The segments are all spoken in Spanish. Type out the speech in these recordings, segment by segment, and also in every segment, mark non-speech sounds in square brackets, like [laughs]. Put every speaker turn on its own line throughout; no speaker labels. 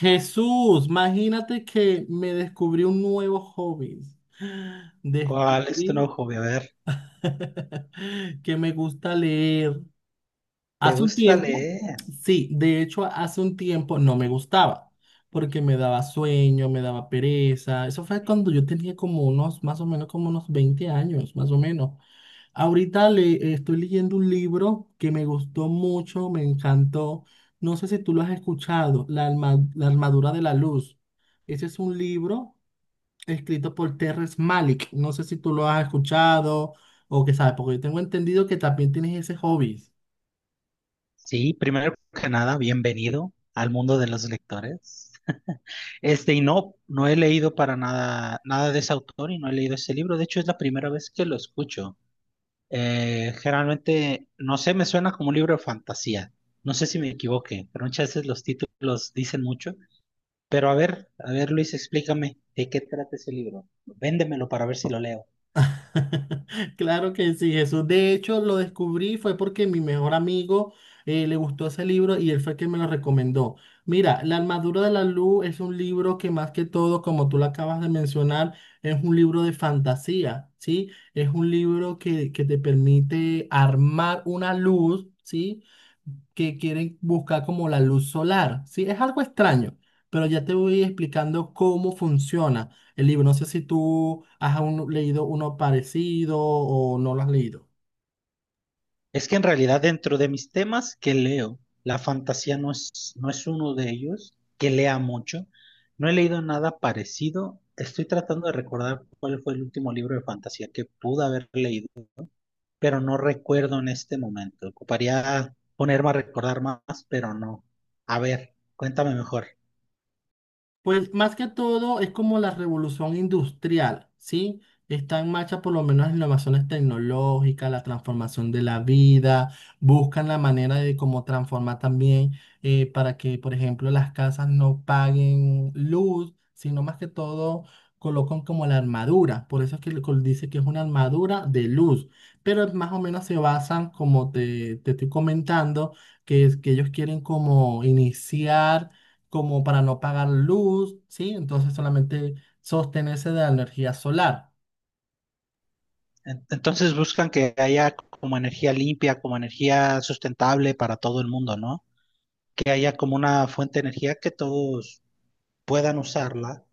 Jesús, imagínate que me descubrí un nuevo hobby.
¿Cuál es tu
Descubrí
nuevo hobby? A ver,
[laughs] que me gusta leer.
¿te
Hace un
gusta
tiempo,
leer?
sí, de hecho hace un tiempo no me gustaba, porque me daba sueño, me daba pereza. Eso fue cuando yo tenía como unos, más o menos como unos 20 años, más o menos. Ahorita le estoy leyendo un libro que me gustó mucho, me encantó. No sé si tú lo has escuchado, La armadura de la luz. Ese es un libro escrito por Terrence Malick. No sé si tú lo has escuchado o qué sabes, porque yo tengo entendido que también tienes ese hobby.
Sí, primero que nada, bienvenido al mundo de los lectores. Este, y no, no he leído para nada, nada de ese autor y no he leído ese libro. De hecho, es la primera vez que lo escucho. Generalmente, no sé, me suena como un libro de fantasía. No sé si me equivoqué, pero muchas veces los títulos dicen mucho. Pero a ver, Luis, explícame de qué trata ese libro. Véndemelo para ver si lo leo.
[laughs] Claro que sí, Jesús. De hecho, lo descubrí fue porque mi mejor amigo le gustó ese libro y él fue quien me lo recomendó. Mira, La armadura de la luz es un libro que más que todo, como tú lo acabas de mencionar, es un libro de fantasía, ¿sí? Es un libro que te permite armar una luz, ¿sí? que quieren buscar como la luz solar. Sí, es algo extraño, pero ya te voy explicando cómo funciona el libro. No sé si tú has aún leído uno parecido o no lo has leído.
Es que en realidad dentro de mis temas que leo, la fantasía no es uno de ellos, que lea mucho. No he leído nada parecido. Estoy tratando de recordar cuál fue el último libro de fantasía que pude haber leído, pero no recuerdo en este momento. Ocuparía ponerme a recordar más, pero no. A ver, cuéntame mejor.
Pues más que todo es como la revolución industrial, ¿sí? Está en marcha por lo menos las innovaciones tecnológicas, la transformación de la vida, buscan la manera de cómo transformar también para que, por ejemplo, las casas no paguen luz, sino más que todo colocan como la armadura, por eso es que dice que es una armadura de luz, pero más o menos se basan, como te estoy comentando, que ellos quieren como iniciar como para no pagar luz, ¿sí? Entonces solamente sostenerse de la energía solar.
Entonces buscan que haya como energía limpia, como energía sustentable para todo el mundo, ¿no? Que haya como una fuente de energía que todos puedan usarla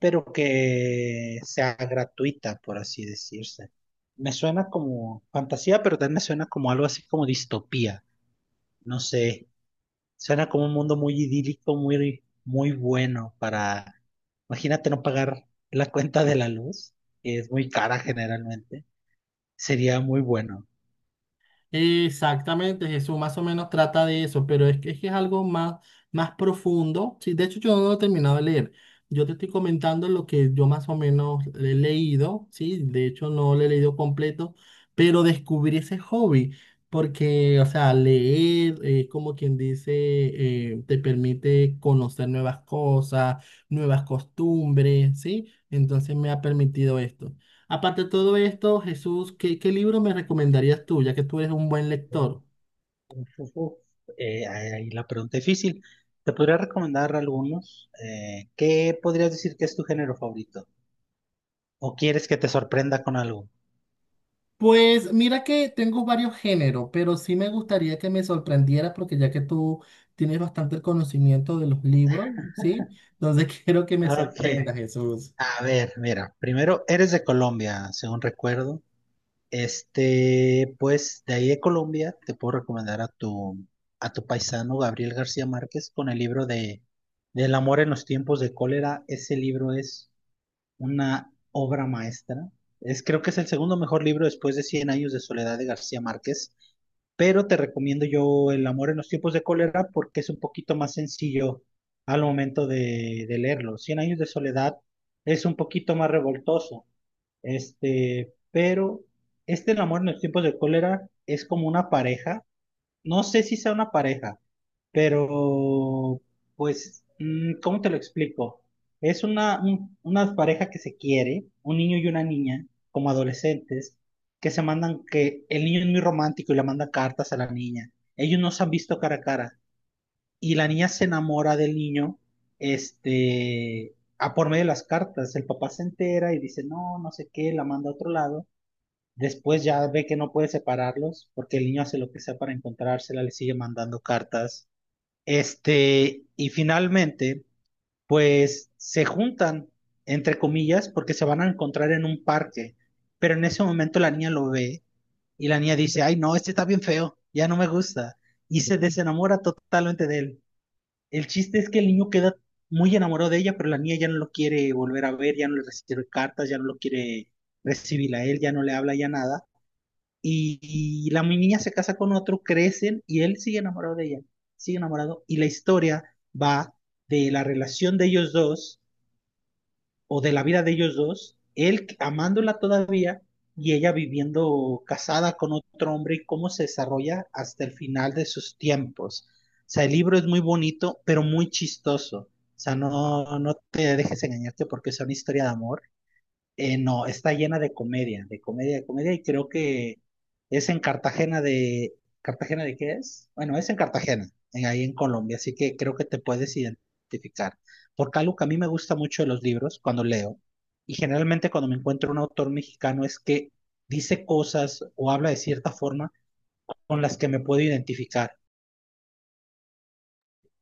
pero que sea gratuita, por así decirse. Me suena como fantasía, pero también me suena como algo así como distopía. No sé, suena como un mundo muy idílico, muy, muy bueno para, imagínate no pagar la cuenta de la luz, que es muy cara generalmente. Sería muy bueno.
Exactamente, Jesús más o menos trata de eso, pero es que es algo más, más profundo. Sí, de hecho, yo no lo he terminado de leer. Yo te estoy comentando lo que yo más o menos he leído, sí, de hecho no lo he leído completo, pero descubrí ese hobby, porque, o sea, leer, como quien dice, te permite conocer nuevas cosas, nuevas costumbres, ¿sí? Entonces me ha permitido esto. Aparte de todo esto, Jesús, ¿qué libro me recomendarías tú, ya que tú eres un buen
Eh,
lector?
uf, uf, uf. Ahí la pregunta difícil. Te podría recomendar algunos. ¿Qué podrías decir que es tu género favorito? ¿O quieres que te sorprenda con algo?
Pues mira que tengo varios géneros, pero sí me gustaría que me sorprendieras porque ya que tú tienes bastante el conocimiento de los libros, ¿sí? Entonces [laughs] quiero que me
Ok,
sorprendas, Jesús.
a ver, mira, primero eres de Colombia, según recuerdo. Este, pues de ahí de Colombia te puedo recomendar a tu paisano Gabriel García Márquez con el libro de Del amor en los tiempos de cólera. Ese libro es una obra maestra. Es, creo que es el segundo mejor libro después de Cien años de soledad de García Márquez, pero te recomiendo yo El amor en los tiempos de cólera porque es un poquito más sencillo al momento de leerlo. Cien años de soledad es un poquito más revoltoso, este, pero este El amor en los tiempos de cólera es como una pareja. No sé si sea una pareja, pero, pues, mm, ¿cómo te lo explico? Es una pareja que se quiere, un niño y una niña, como adolescentes, que se mandan, que el niño es muy romántico y le manda cartas a la niña. Ellos no se han visto cara a cara. Y la niña se enamora del niño, este, a por medio de las cartas. El papá se entera y dice, no, no sé qué, la manda a otro lado. Después ya ve que no puede separarlos porque el niño hace lo que sea para encontrársela, le sigue mandando cartas este, y finalmente, pues se juntan, entre comillas, porque se van a encontrar en un parque. Pero en ese momento la niña lo ve y la niña dice, ay, no, este está bien feo, ya no me gusta. Y se desenamora totalmente de él. El chiste es que el niño queda muy enamorado de ella, pero la niña ya no lo quiere volver a ver, ya no le recibe cartas, ya no lo quiere recibir a él, ya no le habla, ya nada y la niña se casa con otro, crecen y él sigue enamorado de ella, sigue enamorado y la historia va de la relación de ellos dos o de la vida de ellos dos, él amándola todavía y ella viviendo casada con otro hombre y cómo se desarrolla hasta el final de sus tiempos. O sea, el libro es muy bonito, pero muy chistoso. O sea, no, no te dejes engañarte porque es una historia de amor no, está llena de comedia, de comedia, de comedia, y creo que es en ¿Cartagena de qué es? Bueno, es en Cartagena, en, ahí en Colombia, así que creo que te puedes identificar. Porque algo que a mí me gusta mucho de los libros, cuando leo, y generalmente cuando me encuentro un autor mexicano, es que dice cosas o habla de cierta forma con las que me puedo identificar.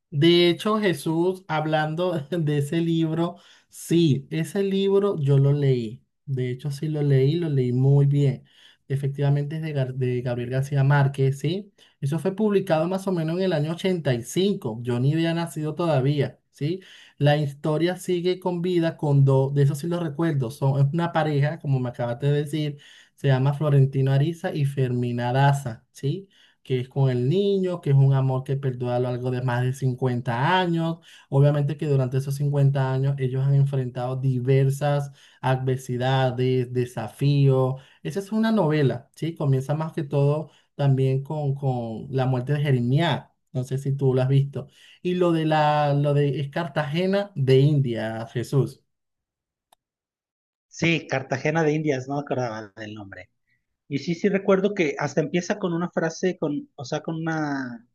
De hecho, Jesús, hablando [laughs] de ese libro, sí, ese libro yo lo leí. De hecho, sí lo leí muy bien. Efectivamente, es de Gabriel García Márquez, ¿sí? Eso fue publicado más o menos en el año ochenta y cinco. Yo ni había nacido todavía, ¿sí? La historia sigue con vida con dos, de eso sí lo recuerdo. Es una pareja, como me acabaste de decir, se llama Florentino Ariza y Fermina Daza, ¿sí? que es con el niño, que es un amor que perdura a lo largo de más de 50 años. Obviamente que durante esos 50 años ellos han enfrentado diversas adversidades, desafíos. Esa es una novela, ¿sí? Comienza más que todo también con la muerte de Jeremías. No sé si tú lo has visto. Y lo de lo de es Cartagena de India, Jesús.
Sí, Cartagena de Indias, no me acordaba del nombre. Y sí, sí recuerdo que hasta empieza con una frase, con, o sea, con una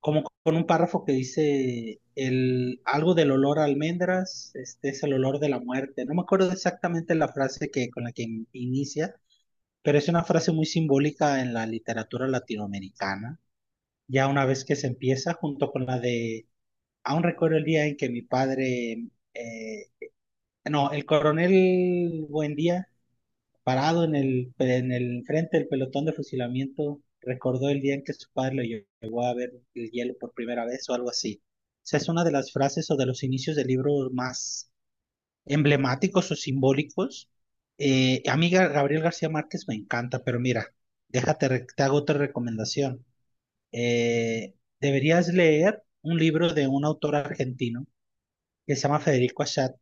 como con un párrafo que dice el, algo del olor a almendras, este es el olor de la muerte. No me acuerdo exactamente la frase que, con la que inicia, pero es una frase muy simbólica en la literatura latinoamericana. Ya una vez que se empieza, junto con la de, aún recuerdo el día en que mi padre, eh, no, el coronel Buendía Parado en el frente del pelotón de fusilamiento, recordó el día en que su padre lo llevó a ver el hielo por primera vez o algo así. O es una de las frases o de los inicios del libro más emblemáticos o simbólicos. A mí Gabriel García Márquez me encanta, pero mira, déjate, te hago otra recomendación. Eh, Deberías leer un libro de un autor argentino que se llama Federico Achat,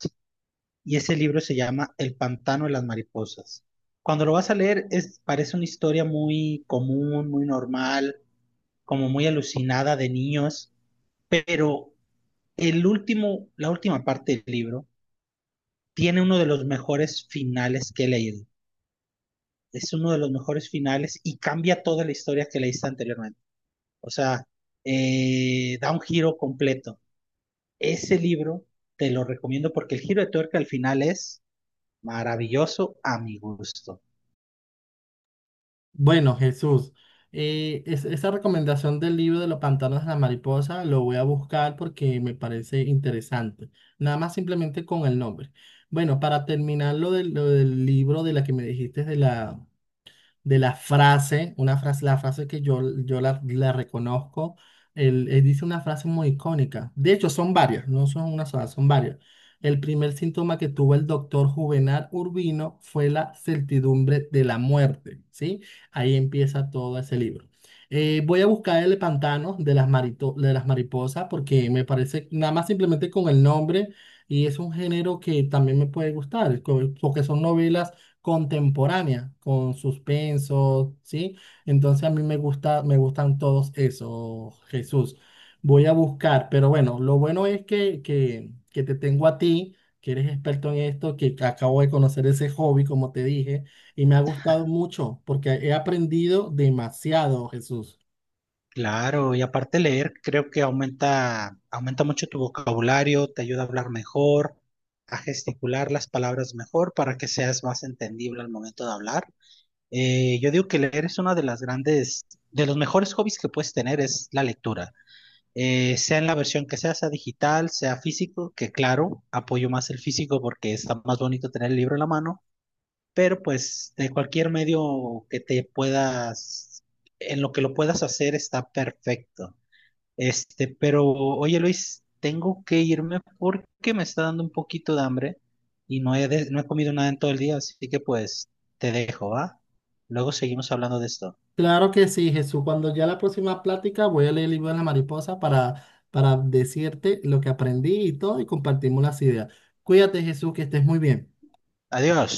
y ese libro se llama El pantano de las mariposas. Cuando lo vas a leer, es, parece una historia muy común, muy normal, como muy alucinada de niños, pero el último, la última parte del libro tiene uno de los mejores finales que he leído. Es uno de los mejores finales y cambia toda la historia que leíste anteriormente. O sea, da un giro completo. Ese libro te lo recomiendo porque el giro de tuerca al final es maravilloso a mi gusto.
Bueno, Jesús, esa recomendación del libro de los pantanos de la mariposa lo voy a buscar porque me parece interesante. Nada más simplemente con el nombre. Bueno, para terminar lo del libro de la que me dijiste de la frase, la frase que la reconozco, él dice una frase muy icónica. De hecho, son varias, no son una sola, son varias. El primer síntoma que tuvo el doctor Juvenal Urbino fue la certidumbre de la muerte, ¿sí? Ahí empieza todo ese libro. Voy a buscar el pantano de de las mariposas porque me parece, nada más simplemente con el nombre, y es un género que también me puede gustar, porque son novelas contemporánea, con suspenso, ¿sí? Entonces a mí me gusta, me gustan todos esos, Jesús. Voy a buscar, pero bueno, lo bueno es que te tengo a ti, que eres experto en esto, que acabo de conocer ese hobby, como te dije, y me ha gustado mucho porque he aprendido demasiado, Jesús.
Claro, y aparte leer creo que aumenta, aumenta mucho tu vocabulario, te ayuda a hablar mejor, a gesticular las palabras mejor para que seas más entendible al momento de hablar. Yo digo que leer es una de las grandes, de los mejores hobbies que puedes tener es la lectura. Sea en la versión que sea, sea digital, sea físico, que claro, apoyo más el físico porque está más bonito tener el libro en la mano, pero pues de cualquier medio que te puedas, en lo que lo puedas hacer está perfecto. Este, pero oye Luis, tengo que irme porque me está dando un poquito de hambre y no he, no he comido nada en todo el día, así que pues te dejo, ¿va? Luego seguimos hablando de esto.
Claro que sí, Jesús. Cuando ya la próxima plática voy a leer el libro de la mariposa para decirte lo que aprendí y todo y compartimos las ideas. Cuídate, Jesús, que estés muy bien.
Adiós.